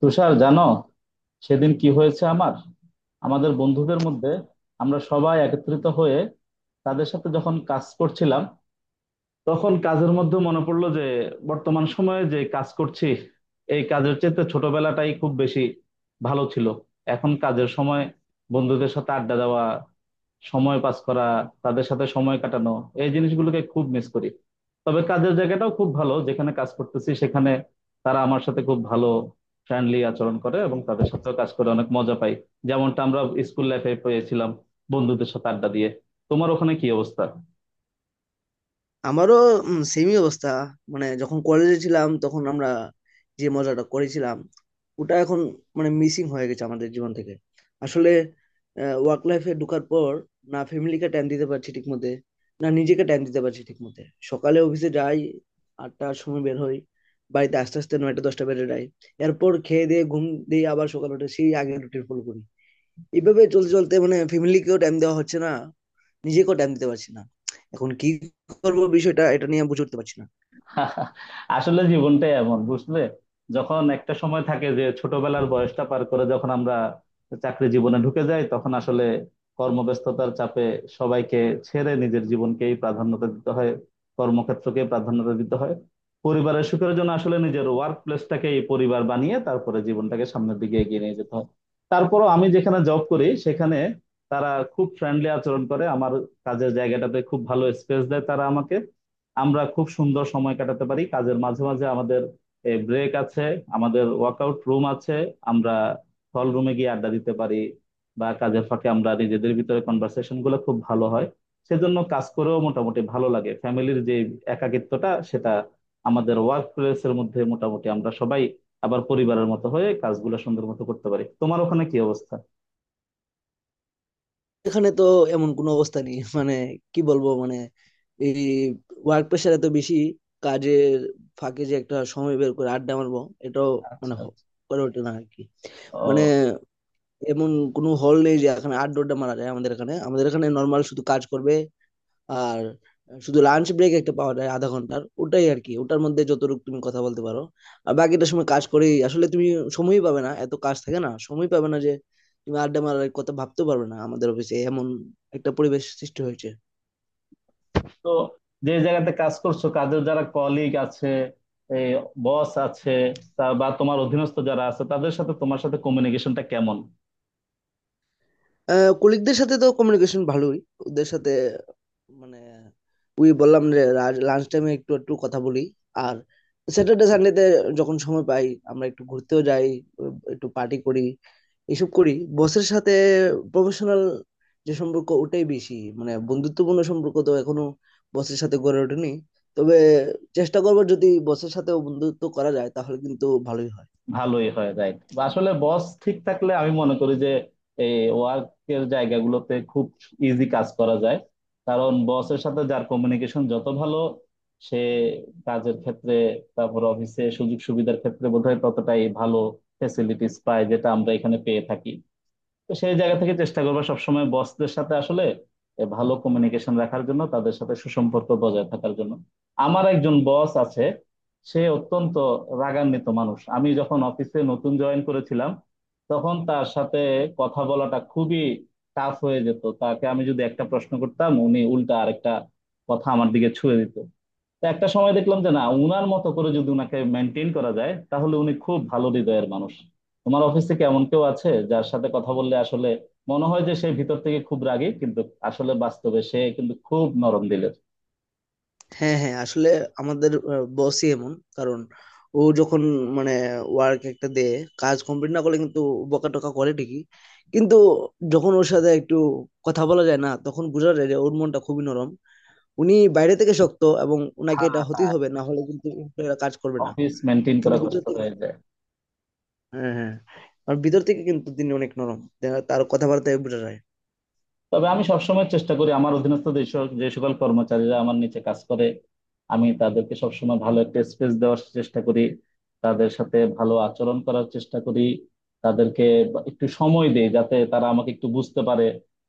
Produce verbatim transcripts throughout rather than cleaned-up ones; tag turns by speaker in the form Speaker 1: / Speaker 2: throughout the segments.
Speaker 1: তুষার, জানো সেদিন কি হয়েছে আমার? আমাদের বন্ধুদের মধ্যে আমরা সবাই একত্রিত হয়ে তাদের সাথে যখন কাজ করছিলাম, তখন কাজের মধ্যে মনে পড়লো যে বর্তমান সময়ে যে কাজ করছি এই কাজের চেয়ে ছোটবেলাটাই খুব বেশি ভালো ছিল। এখন কাজের সময় বন্ধুদের সাথে আড্ডা দেওয়া, সময় পাস করা, তাদের সাথে সময় কাটানো এই জিনিসগুলোকে খুব মিস করি। তবে কাজের জায়গাটাও খুব ভালো, যেখানে কাজ করতেছি সেখানে তারা আমার সাথে খুব ভালো ফ্রেন্ডলি আচরণ করে এবং তাদের সাথেও কাজ করে অনেক মজা পাই, যেমনটা আমরা স্কুল লাইফে পেয়েছিলাম বন্ধুদের সাথে আড্ডা দিয়ে। তোমার ওখানে কি অবস্থা?
Speaker 2: আমারও সেমই অবস্থা। মানে, যখন কলেজে ছিলাম তখন আমরা যে মজাটা করেছিলাম, ওটা এখন মানে মিসিং হয়ে গেছে আমাদের জীবন থেকে। আসলে ওয়ার্ক লাইফে ঢোকার পর না ফ্যামিলিকে টাইম দিতে পারছি ঠিক মতে, না নিজেকে টাইম দিতে পারছি ঠিক মতে। সকালে অফিসে যাই, আটটার সময় বের হই, বাড়িতে আস্তে আস্তে নয়টা দশটা বেজে যায়। এরপর খেয়ে দিয়ে ঘুম, দিয়ে আবার সকালে উঠে সেই আগের রুটিন ফলো করি। এইভাবে চলতে চলতে মানে ফ্যামিলিকেও টাইম দেওয়া হচ্ছে না, নিজেকেও টাইম দিতে পারছি না। এখন কি করবো বিষয়টা, এটা নিয়ে বুঝে উঠতে পারছি না।
Speaker 1: আসলে জীবনটাই এমন বুঝলে, যখন একটা সময় থাকে যে ছোটবেলার বয়সটা পার করে যখন আমরা চাকরি জীবনে ঢুকে যাই তখন আসলে কর্মব্যস্ততার চাপে সবাইকে ছেড়ে নিজের জীবনকেই প্রাধান্যতা দিতে হয়, কর্মক্ষেত্রকে প্রাধান্যতা দিতে হয়। পরিবারের সুখের জন্য আসলে নিজের ওয়ার্ক প্লেসটাকে পরিবার বানিয়ে তারপরে জীবনটাকে সামনের দিকে এগিয়ে নিয়ে যেতে হয়। তারপরও আমি যেখানে জব করি সেখানে তারা খুব ফ্রেন্ডলি আচরণ করে আমার। কাজের জায়গাটাতে খুব ভালো স্পেস দেয় তারা আমাকে। আমরা খুব সুন্দর সময় কাটাতে পারি, কাজের মাঝে মাঝে আমাদের ব্রেক আছে, আমাদের ওয়ার্কআউট রুম আছে, আমরা হল রুমে গিয়ে আড্ডা দিতে পারি, বা কাজের ফাঁকে আমরা নিজেদের ভিতরে কনভারসেশন গুলো খুব ভালো হয়। সেজন্য কাজ করেও মোটামুটি ভালো লাগে, ফ্যামিলির যে একাকিত্বটা সেটা আমাদের ওয়ার্ক প্লেসের মধ্যে মোটামুটি আমরা সবাই আবার পরিবারের মতো হয়ে কাজগুলো সুন্দর মতো করতে পারি। তোমার ওখানে কি অবস্থা?
Speaker 2: এখানে তো এমন কোনো অবস্থা নেই, মানে কি বলবো, মানে এই ওয়ার্ক প্রেশার এত বেশি, কাজের ফাঁকে যে একটা সময় বের করে আড্ডা মারবো এটাও
Speaker 1: আচ্ছা,
Speaker 2: মানে হ-
Speaker 1: আচ্ছা।
Speaker 2: করে ওঠে না আর কি। মানে
Speaker 1: ও।
Speaker 2: এমন কোনো হল নেই যে এখানে আড্ডা আড্ডা মারা যায়। আমাদের এখানে আমাদের এখানে নর্মাল শুধু কাজ করবে। আর শুধু লাঞ্চ ব্রেক একটা পাওয়া যায় আধা ঘন্টার, ওটাই আর কি। ওটার মধ্যে যতটুকু তুমি কথা বলতে পারো, আর বাকিটা সময় কাজ করেই আসলে তুমি সময়ই পাবে না, এত কাজ থাকে। না, সময় পাবে না যে তুমি আড্ডা মারার কথা ভাবতেও পারবে না। আমাদের অফিসে এমন একটা পরিবেশ সৃষ্টি হয়েছে।
Speaker 1: তো যে জায়গাতে কাজ করছো, কাজের যারা কলিগ আছে, বস আছে, তা বা তোমার অধীনস্থ যারা আছে, তাদের সাথে তোমার সাথে কমিউনিকেশনটা কেমন?
Speaker 2: কলিগদের সাথে তো কমিউনিকেশন ভালোই। ওদের সাথে মানে ওই বললাম যে লাঞ্চ টাইমে একটু একটু কথা বলি। আর স্যাটারডে সানডেতে যখন সময় পাই, আমরা একটু ঘুরতেও যাই, উম, একটু পার্টি করি, এসব করি। বসের সাথে প্রফেশনাল যে সম্পর্ক ওটাই বেশি, মানে বন্ধুত্বপূর্ণ সম্পর্ক তো এখনো বসের সাথে গড়ে ওঠেনি। তবে চেষ্টা করবো, যদি বসের সাথেও বন্ধুত্ব করা যায় তাহলে কিন্তু ভালোই হয়।
Speaker 1: ভালোই হয়, রাইট। আসলে বস ঠিক থাকলে আমি মনে করি যে এই ওয়ার্কের জায়গাগুলোতে খুব ইজি কাজ করা যায়। কারণ বসের সাথে যার কমিউনিকেশন যত ভালো, সে কাজের ক্ষেত্রে, তারপর অফিসে সুযোগ সুবিধার ক্ষেত্রে বোধহয় ততটাই ভালো ফেসিলিটিস পায়, যেটা আমরা এখানে পেয়ে থাকি। তো সেই জায়গা থেকে চেষ্টা করবা সবসময় বসদের সাথে আসলে এ ভালো কমিউনিকেশন রাখার জন্য, তাদের সাথে সুসম্পর্ক বজায় থাকার জন্য। আমার একজন বস আছে, সে অত্যন্ত রাগান্বিত মানুষ। আমি যখন অফিসে নতুন জয়েন করেছিলাম তখন তার সাথে কথা বলাটা খুবই টাফ হয়ে যেত। তাকে আমি যদি একটা প্রশ্ন করতাম উনি উল্টা আরেকটা কথা আমার দিকে ছুঁড়ে দিত। তো একটা সময় দেখলাম যে না, উনার মতো করে যদি উনাকে মেনটেন করা যায় তাহলে উনি খুব ভালো হৃদয়ের মানুষ। তোমার অফিসে কি এমন কেউ আছে যার সাথে কথা বললে আসলে মনে হয় যে সে ভিতর থেকে খুব রাগী, কিন্তু আসলে বাস্তবে সে কিন্তু খুব নরম দিলের?
Speaker 2: হ্যাঁ, হ্যাঁ, আসলে আমাদের বসই এমন। কারণ ও যখন মানে ওয়ার্ক একটা দেয়, কাজ কমপ্লিট না করলে কিন্তু বকা টকা করে ঠিকই, কিন্তু যখন ওর সাথে একটু কথা বলা যায় না তখন বোঝা যায় যে ওর মনটা খুবই নরম। উনি বাইরে থেকে শক্ত, এবং উনাকে
Speaker 1: হ্যাঁ,
Speaker 2: এটা হতেই
Speaker 1: হ্যাঁ।
Speaker 2: হবে, না হলে কিন্তু এরা কাজ করবে না।
Speaker 1: অফিস মেনটেন
Speaker 2: কিন্তু
Speaker 1: করা
Speaker 2: ভিতর
Speaker 1: কষ্ট
Speaker 2: থেকে,
Speaker 1: হয়ে যায়।
Speaker 2: হ্যাঁ, হ্যাঁ, আর ভিতর থেকে কিন্তু তিনি অনেক নরম, তার কথাবার্তায় বোঝা যায়।
Speaker 1: তবে আমি সবসময় চেষ্টা করি আমার অধীনস্থ যে সক- যে সকল কর্মচারীরা আমার নিচে কাজ করে, আমি তাদেরকে সবসময় ভালো একটা স্পেস দেওয়ার চেষ্টা করি, তাদের সাথে ভালো আচরণ করার চেষ্টা করি। তাদেরকে বা- একটু সময় দেই যাতে তারা আমাকে একটু বুঝতে পারে,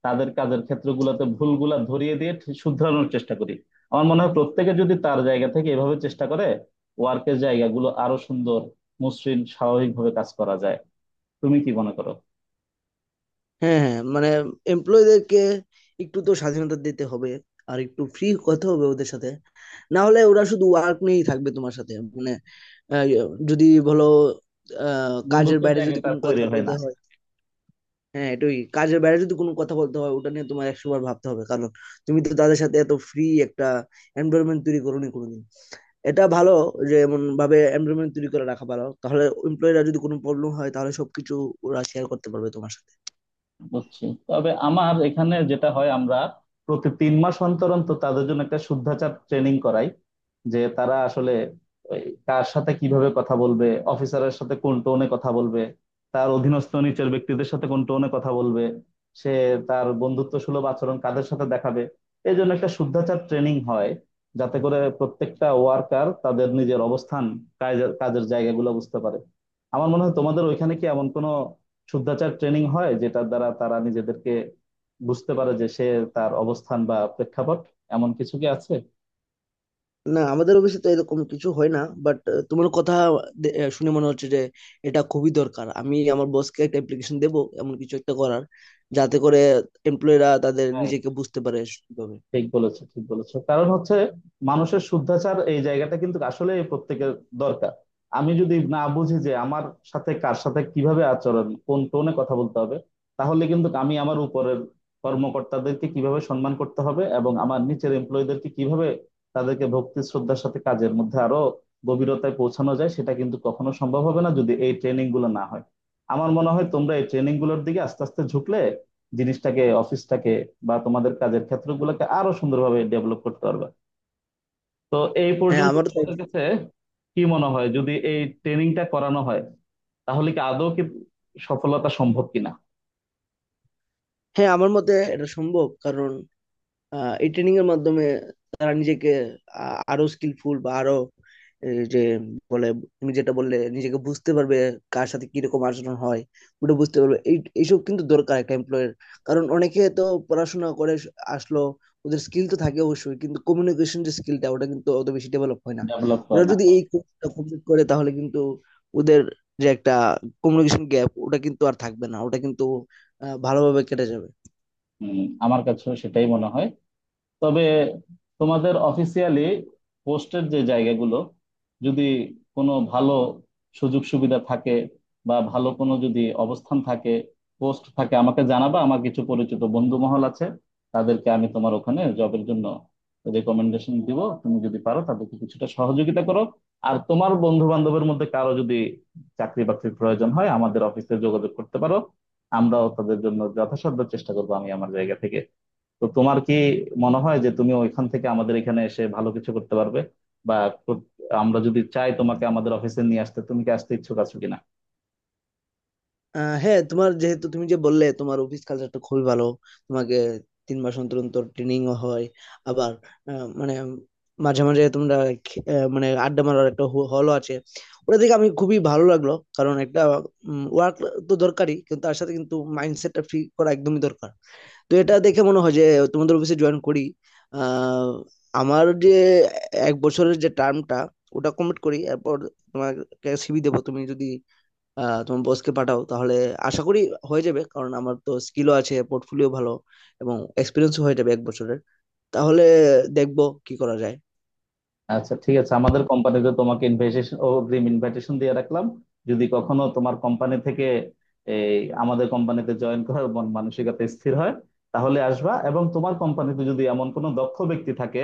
Speaker 1: তাদের কাজের ক্ষেত্রগুলোতে ভুলগুলা ধরিয়ে দিয়ে ঠিক শুধরানোর চেষ্টা করি। আমার মনে হয় প্রত্যেকে যদি তার জায়গা থেকে এভাবে চেষ্টা করে, ওয়ার্কের জায়গাগুলো আরো সুন্দর মসৃণ স্বাভাবিকভাবে কাজ করা যায়। তুমি কি মনে করো?
Speaker 2: হ্যাঁ, হ্যাঁ, মানে এমপ্লয়ীদেরকে একটু তো স্বাধীনতা দিতে হবে, আর একটু ফ্রি কথা হবে ওদের সাথে। না হলে ওরা শুধু ওয়ার্ক নিয়েই থাকবে তোমার সাথে, মানে আহ, ইয়ে, যদি বলো, আহ, কাজের
Speaker 1: বন্ধুত্বের
Speaker 2: বাইরে যদি
Speaker 1: জায়গাটা
Speaker 2: কোনো
Speaker 1: তৈরি
Speaker 2: কথা
Speaker 1: হয়
Speaker 2: বলতে
Speaker 1: না।
Speaker 2: হয়। হ্যাঁ, এটাই, কাজের বাইরে যদি কোনো কথা বলতে হয় ওটা নিয়ে তোমার একশো বার ভাবতে হবে, কারণ তুমি তো তাদের সাথে এত ফ্রি একটা এনভায়রনমেন্ট তৈরি করোনি কোনোদিন। এটা ভালো, যে এমন ভাবে এনভায়রনমেন্ট তৈরি করে রাখা ভালো, তাহলে এমপ্লয়ীরা যদি কোনো প্রবলেম হয় তাহলে সবকিছু ওরা শেয়ার করতে পারবে তোমার সাথে।
Speaker 1: বুঝছি। তবে আমার এখানে যেটা হয়, আমরা প্রতি তিন মাস অন্তর অন্তর তাদের জন্য একটা শুদ্ধাচার ট্রেনিং করাই, যে তারা আসলে ওই কার সাথে কিভাবে কথা বলবে, অফিসারের সাথে কোন টোনে কথা বলবে, তার অধীনস্থ নিচের ব্যক্তিদের সাথে কোন টোনে কথা বলবে, সে তার বন্ধুত্ব সুলভ আচরণ কাদের সাথে দেখাবে। এই জন্য একটা শুদ্ধাচার ট্রেনিং হয়, যাতে করে প্রত্যেকটা ওয়ার্কার তাদের নিজের অবস্থান, কাজের কাজের জায়গাগুলো বুঝতে পারে। আমার মনে হয় তোমাদের ওইখানে কি এমন কোনো শুদ্ধাচার ট্রেনিং হয় যেটার দ্বারা তারা নিজেদেরকে বুঝতে পারে যে সে তার অবস্থান বা প্রেক্ষাপট, এমন কিছু কি আছে?
Speaker 2: না, আমাদের অফিসে তো এরকম কিছু হয় না। বাট তোমার কথা দে- আহ, শুনে মনে হচ্ছে যে এটা খুবই দরকার। আমি আমার বসকে একটা অ্যাপ্লিকেশন দেবো এমন কিছু একটা করার, যাতে করে এমপ্লয়িরা তাদের নিজেকে বুঝতে পারে সুন্দরভাবে।
Speaker 1: ঠিক বলেছো, ঠিক বলেছো। কারণ হচ্ছে মানুষের শুদ্ধাচার এই জায়গাটা কিন্তু আসলে প্রত্যেকের দরকার। আমি যদি না বুঝি যে আমার সাথে কার সাথে কিভাবে আচরণ, কোন টোনে কথা বলতে হবে, তাহলে কিন্তু আমি আমার উপরের কর্মকর্তাদেরকে কিভাবে সম্মান করতে হবে এবং আমার নিচের এমপ্লয়ীদেরকে কিভাবে তাদেরকে ভক্তি শ্রদ্ধার সাথে কাজের মধ্যে আরো গভীরতায় পৌঁছানো যায়, সেটা কিন্তু কখনো সম্ভব হবে না যদি এই ট্রেনিং গুলো না হয়। আমার মনে হয় তোমরা এই ট্রেনিং গুলোর দিকে আস্তে আস্তে ঝুঁকলে জিনিসটাকে, অফিসটাকে বা তোমাদের কাজের ক্ষেত্রগুলোকে আরো সুন্দরভাবে ডেভেলপ করতে পারবে। তো এই
Speaker 2: হ্যাঁ,
Speaker 1: পর্যন্ত
Speaker 2: আমারও তাই।
Speaker 1: তোমাদের কাছে কি মনে হয় যদি এই ট্রেনিংটা করানো হয় তাহলে কি আদৌ কি সফলতা সম্ভব কিনা?
Speaker 2: হ্যাঁ, আমার মতে এটা সম্ভব। কারণ আহ, এই ট্রেনিং এর মাধ্যমে তারা নিজেকে আ- আরো স্কিলফুল, বা আরো এই যে বলে তুমি যেটা বললে, নিজেকে বুঝতে পারবে, কার সাথে কিরকম আচরণ হয় ওটা বুঝতে পারবে। এই এইসব কিন্তু দরকার একটা এমপ্লয়ের। কারণ অনেকে তো পড়াশোনা করে আসলো, ওদের স্কিল তো থাকে অবশ্যই, কিন্তু কমিউনিকেশন যে স্কিলটা, ওটা কিন্তু অত বেশি ডেভেলপ হয় না।
Speaker 1: ডেভেলপ করে
Speaker 2: ওরা
Speaker 1: না।
Speaker 2: যদি এই কোর্সটা কমপ্লিট করে তাহলে কিন্তু ওদের যে একটা কমিউনিকেশন গ্যাপ, ওটা কিন্তু আর থাকবে না, ওটা কিন্তু আহ, ভালোভাবে কেটে যাবে।
Speaker 1: হম। আমার কাছেও সেটাই মনে হয়। তবে তোমাদের অফিসিয়ালি পোস্টের যে জায়গাগুলো, যদি কোনো ভালো সুযোগ সুবিধা থাকে বা ভালো কোনো যদি অবস্থান থাকে, পোস্ট থাকে, আমাকে জানাবা। আমার কিছু পরিচিত বন্ধু মহল আছে, তাদেরকে আমি তোমার ওখানে জবের জন্য রেকমেন্ডেশন দিব। তুমি যদি পারো তাদেরকে কিছুটা সহযোগিতা করো। আর তোমার বন্ধু বান্ধবের মধ্যে কারো যদি চাকরি বাকরির প্রয়োজন হয় আমাদের অফিসে যোগাযোগ করতে পারো, আমরাও তাদের জন্য যথাসাধ্য চেষ্টা করবো আমি আমার জায়গা থেকে। তো তোমার কি মনে হয় যে তুমি ওইখান থেকে আমাদের এখানে এসে ভালো কিছু করতে পারবে, বা কর- আমরা যদি চাই তোমাকে আমাদের অফিসে নিয়ে আসতে তুমি কি আসতে ইচ্ছুক আছো কিনা?
Speaker 2: আহ হ্যাঁ, তোমার যেহেতু, তুমি যে বললে তোমার অফিস কালচারটা খুবই ভালো, তোমাকে তিন মাস অন্তর অন্তর ট্রেনিং হয়, আবার আহ, মানে মাঝে মাঝে তোমরা খে- আহ, মানে আড্ডা মারার একটা হলও আছে, ওটা দেখে আমি খুবই ভালো লাগলো। কারণ একটা ওয়ার্ক তো দরকারই, কিন্তু তার সাথে কিন্তু মাইন্ডসেটটা ফ্রি করা একদমই দরকার। তো এটা দেখে মনে হয় যে তোমাদের অফিসে জয়েন করি। আহ আমার যে এক বছরের যে টার্মটা, ওটা কমপ্লিট করি, এরপর তোমাকে সিভি দেবো। তুমি যদি আহ তোমার বসকে পাঠাও, তাহলে আশা করি হয়ে যাবে, কারণ আমার তো স্কিলও আছে, পোর্টফোলিও ভালো, এবং এক্সপিরিয়েন্সও হয়ে যাবে এক বছরের। তাহলে দেখবো কি করা যায়।
Speaker 1: আচ্ছা, ঠিক আছে। আমাদের কোম্পানিতে তোমাকে ইনভাইটেশন, অগ্রিম ইনভাইটেশন দিয়ে রাখলাম। যদি কখনো তোমার কোম্পানি থেকে এই আমাদের কোম্পানিতে জয়েন করার মন মানসিকতা স্থির হয় তাহলে আসবা। এবং তোমার কোম্পানিতে যদি এমন কোনো দক্ষ ব্যক্তি থাকে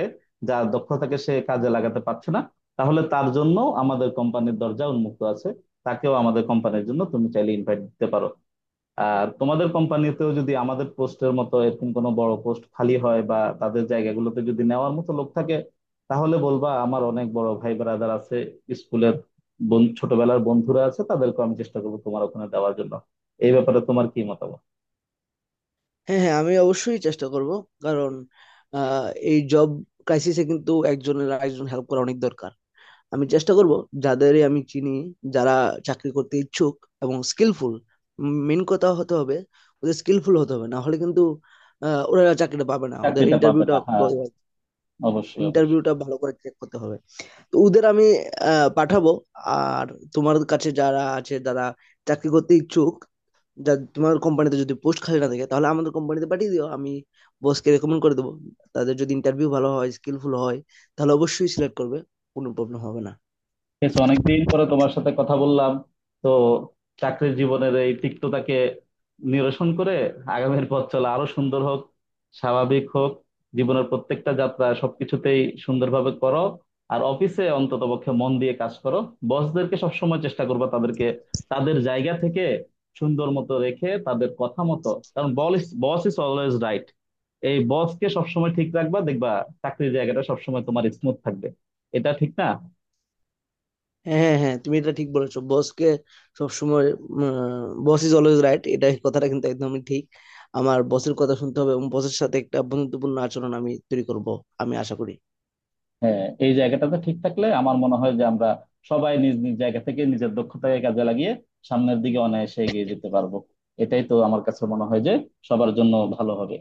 Speaker 1: যার দক্ষতাকে সে কাজে লাগাতে পারছে না, তাহলে তার জন্য আমাদের কোম্পানির দরজা উন্মুক্ত আছে, তাকেও আমাদের কোম্পানির জন্য তুমি চাইলে ইনভাইট দিতে পারো। আর তোমাদের কোম্পানিতেও যদি আমাদের পোস্টের মতো এরকম কোনো বড় পোস্ট খালি হয় বা তাদের জায়গাগুলোতে যদি নেওয়ার মতো লোক থাকে তাহলে বলবা। আমার অনেক বড় ভাই ব্রাদার আছে, স্কুলের বন- ছোটবেলার বন্ধুরা আছে, তাদেরকে আমি চেষ্টা করবো তোমার ওখানে দেওয়ার জন্য। এই ব্যাপারে তোমার কি মতামত?
Speaker 2: হ্যাঁ, হ্যাঁ, আমি অবশ্যই চেষ্টা করব। কারণ আহ, এই জব ক্রাইসিসে কিন্তু একজনের আরেকজন হেল্প করা অনেক দরকার। আমি চেষ্টা করব যাদেরই আমি চিনি, যারা চাকরি করতে ইচ্ছুক এবং স্কিলফুল। মেন কথা হতে হবে ওদের স্কিলফুল হতে হবে, না হলে কিন্তু আহ, ওরা চাকরিটা পাবে না। ওদের
Speaker 1: চাকরিটা পাবে
Speaker 2: ইন্টারভিউটা
Speaker 1: না, হ্যাঁ। অবশ্যই।
Speaker 2: ইন্টারভিউটা ভালো করে চেক করতে হবে। তো ওদের আমি আহ পাঠাবো। আর তোমার কাছে যারা আছে, যারা চাকরি করতে ইচ্ছুক, যা তোমার কোম্পানিতে যদি পোস্ট খালি না থাকে তাহলে আমাদের কোম্পানিতে পাঠিয়ে দিও, আমি বসকে রেকমেন্ড করে দেবো। তাদের যদি ইন্টারভিউ ভালো হয়, স্কিলফুল হয়, তাহলে অবশ্যই সিলেক্ট করবে, কোনো প্রবলেম হবে না।
Speaker 1: বেশ অনেকদিন পরে তোমার সাথে কথা বললাম। তো চাকরির জীবনের এই তিক্ততাকে নিরসন করে আগামীর পথ চলা আরো সুন্দর হোক, স্বাভাবিক হোক, জীবনের প্রত্যেকটা যাত্রা সবকিছুতেই সুন্দরভাবে করো। আর অফিসে অন্তত পক্ষে মন দিয়ে কাজ করো, বসদেরকে সবসময় চেষ্টা করবা তাদেরকে তাদের জায়গা থেকে সুন্দর মতো রেখে, তাদের কথা মতো। কারণ boss boss is always right. এই বসকে সবসময় ঠিক রাখবা, দেখবা চাকরির জায়গাটা সবসময় তোমার স্মুথ থাকবে। এটা ঠিক না?
Speaker 2: হ্যাঁ, হ্যাঁ, হ্যাঁ, তুমি এটা ঠিক বলেছো। বসকে সবসময়, বস ইজ অলওয়েজ রাইট, এটা এই কথাটা কিন্তু একদমই ঠিক। আমার বসের কথা শুনতে হবে, এবং বসের সাথে একটা বন্ধুত্বপূর্ণ আচরণ আমি তৈরি করব আমি আশা করি।
Speaker 1: হ্যাঁ, এই জায়গাটাতে ঠিক থাকলে আমার মনে হয় যে আমরা সবাই নিজ নিজ জায়গা থেকে নিজের দক্ষতাকে কাজে লাগিয়ে সামনের দিকে অনায়াসে এগিয়ে যেতে পারবো। এটাই তো আমার কাছে মনে হয় যে সবার জন্য ভালো হবে।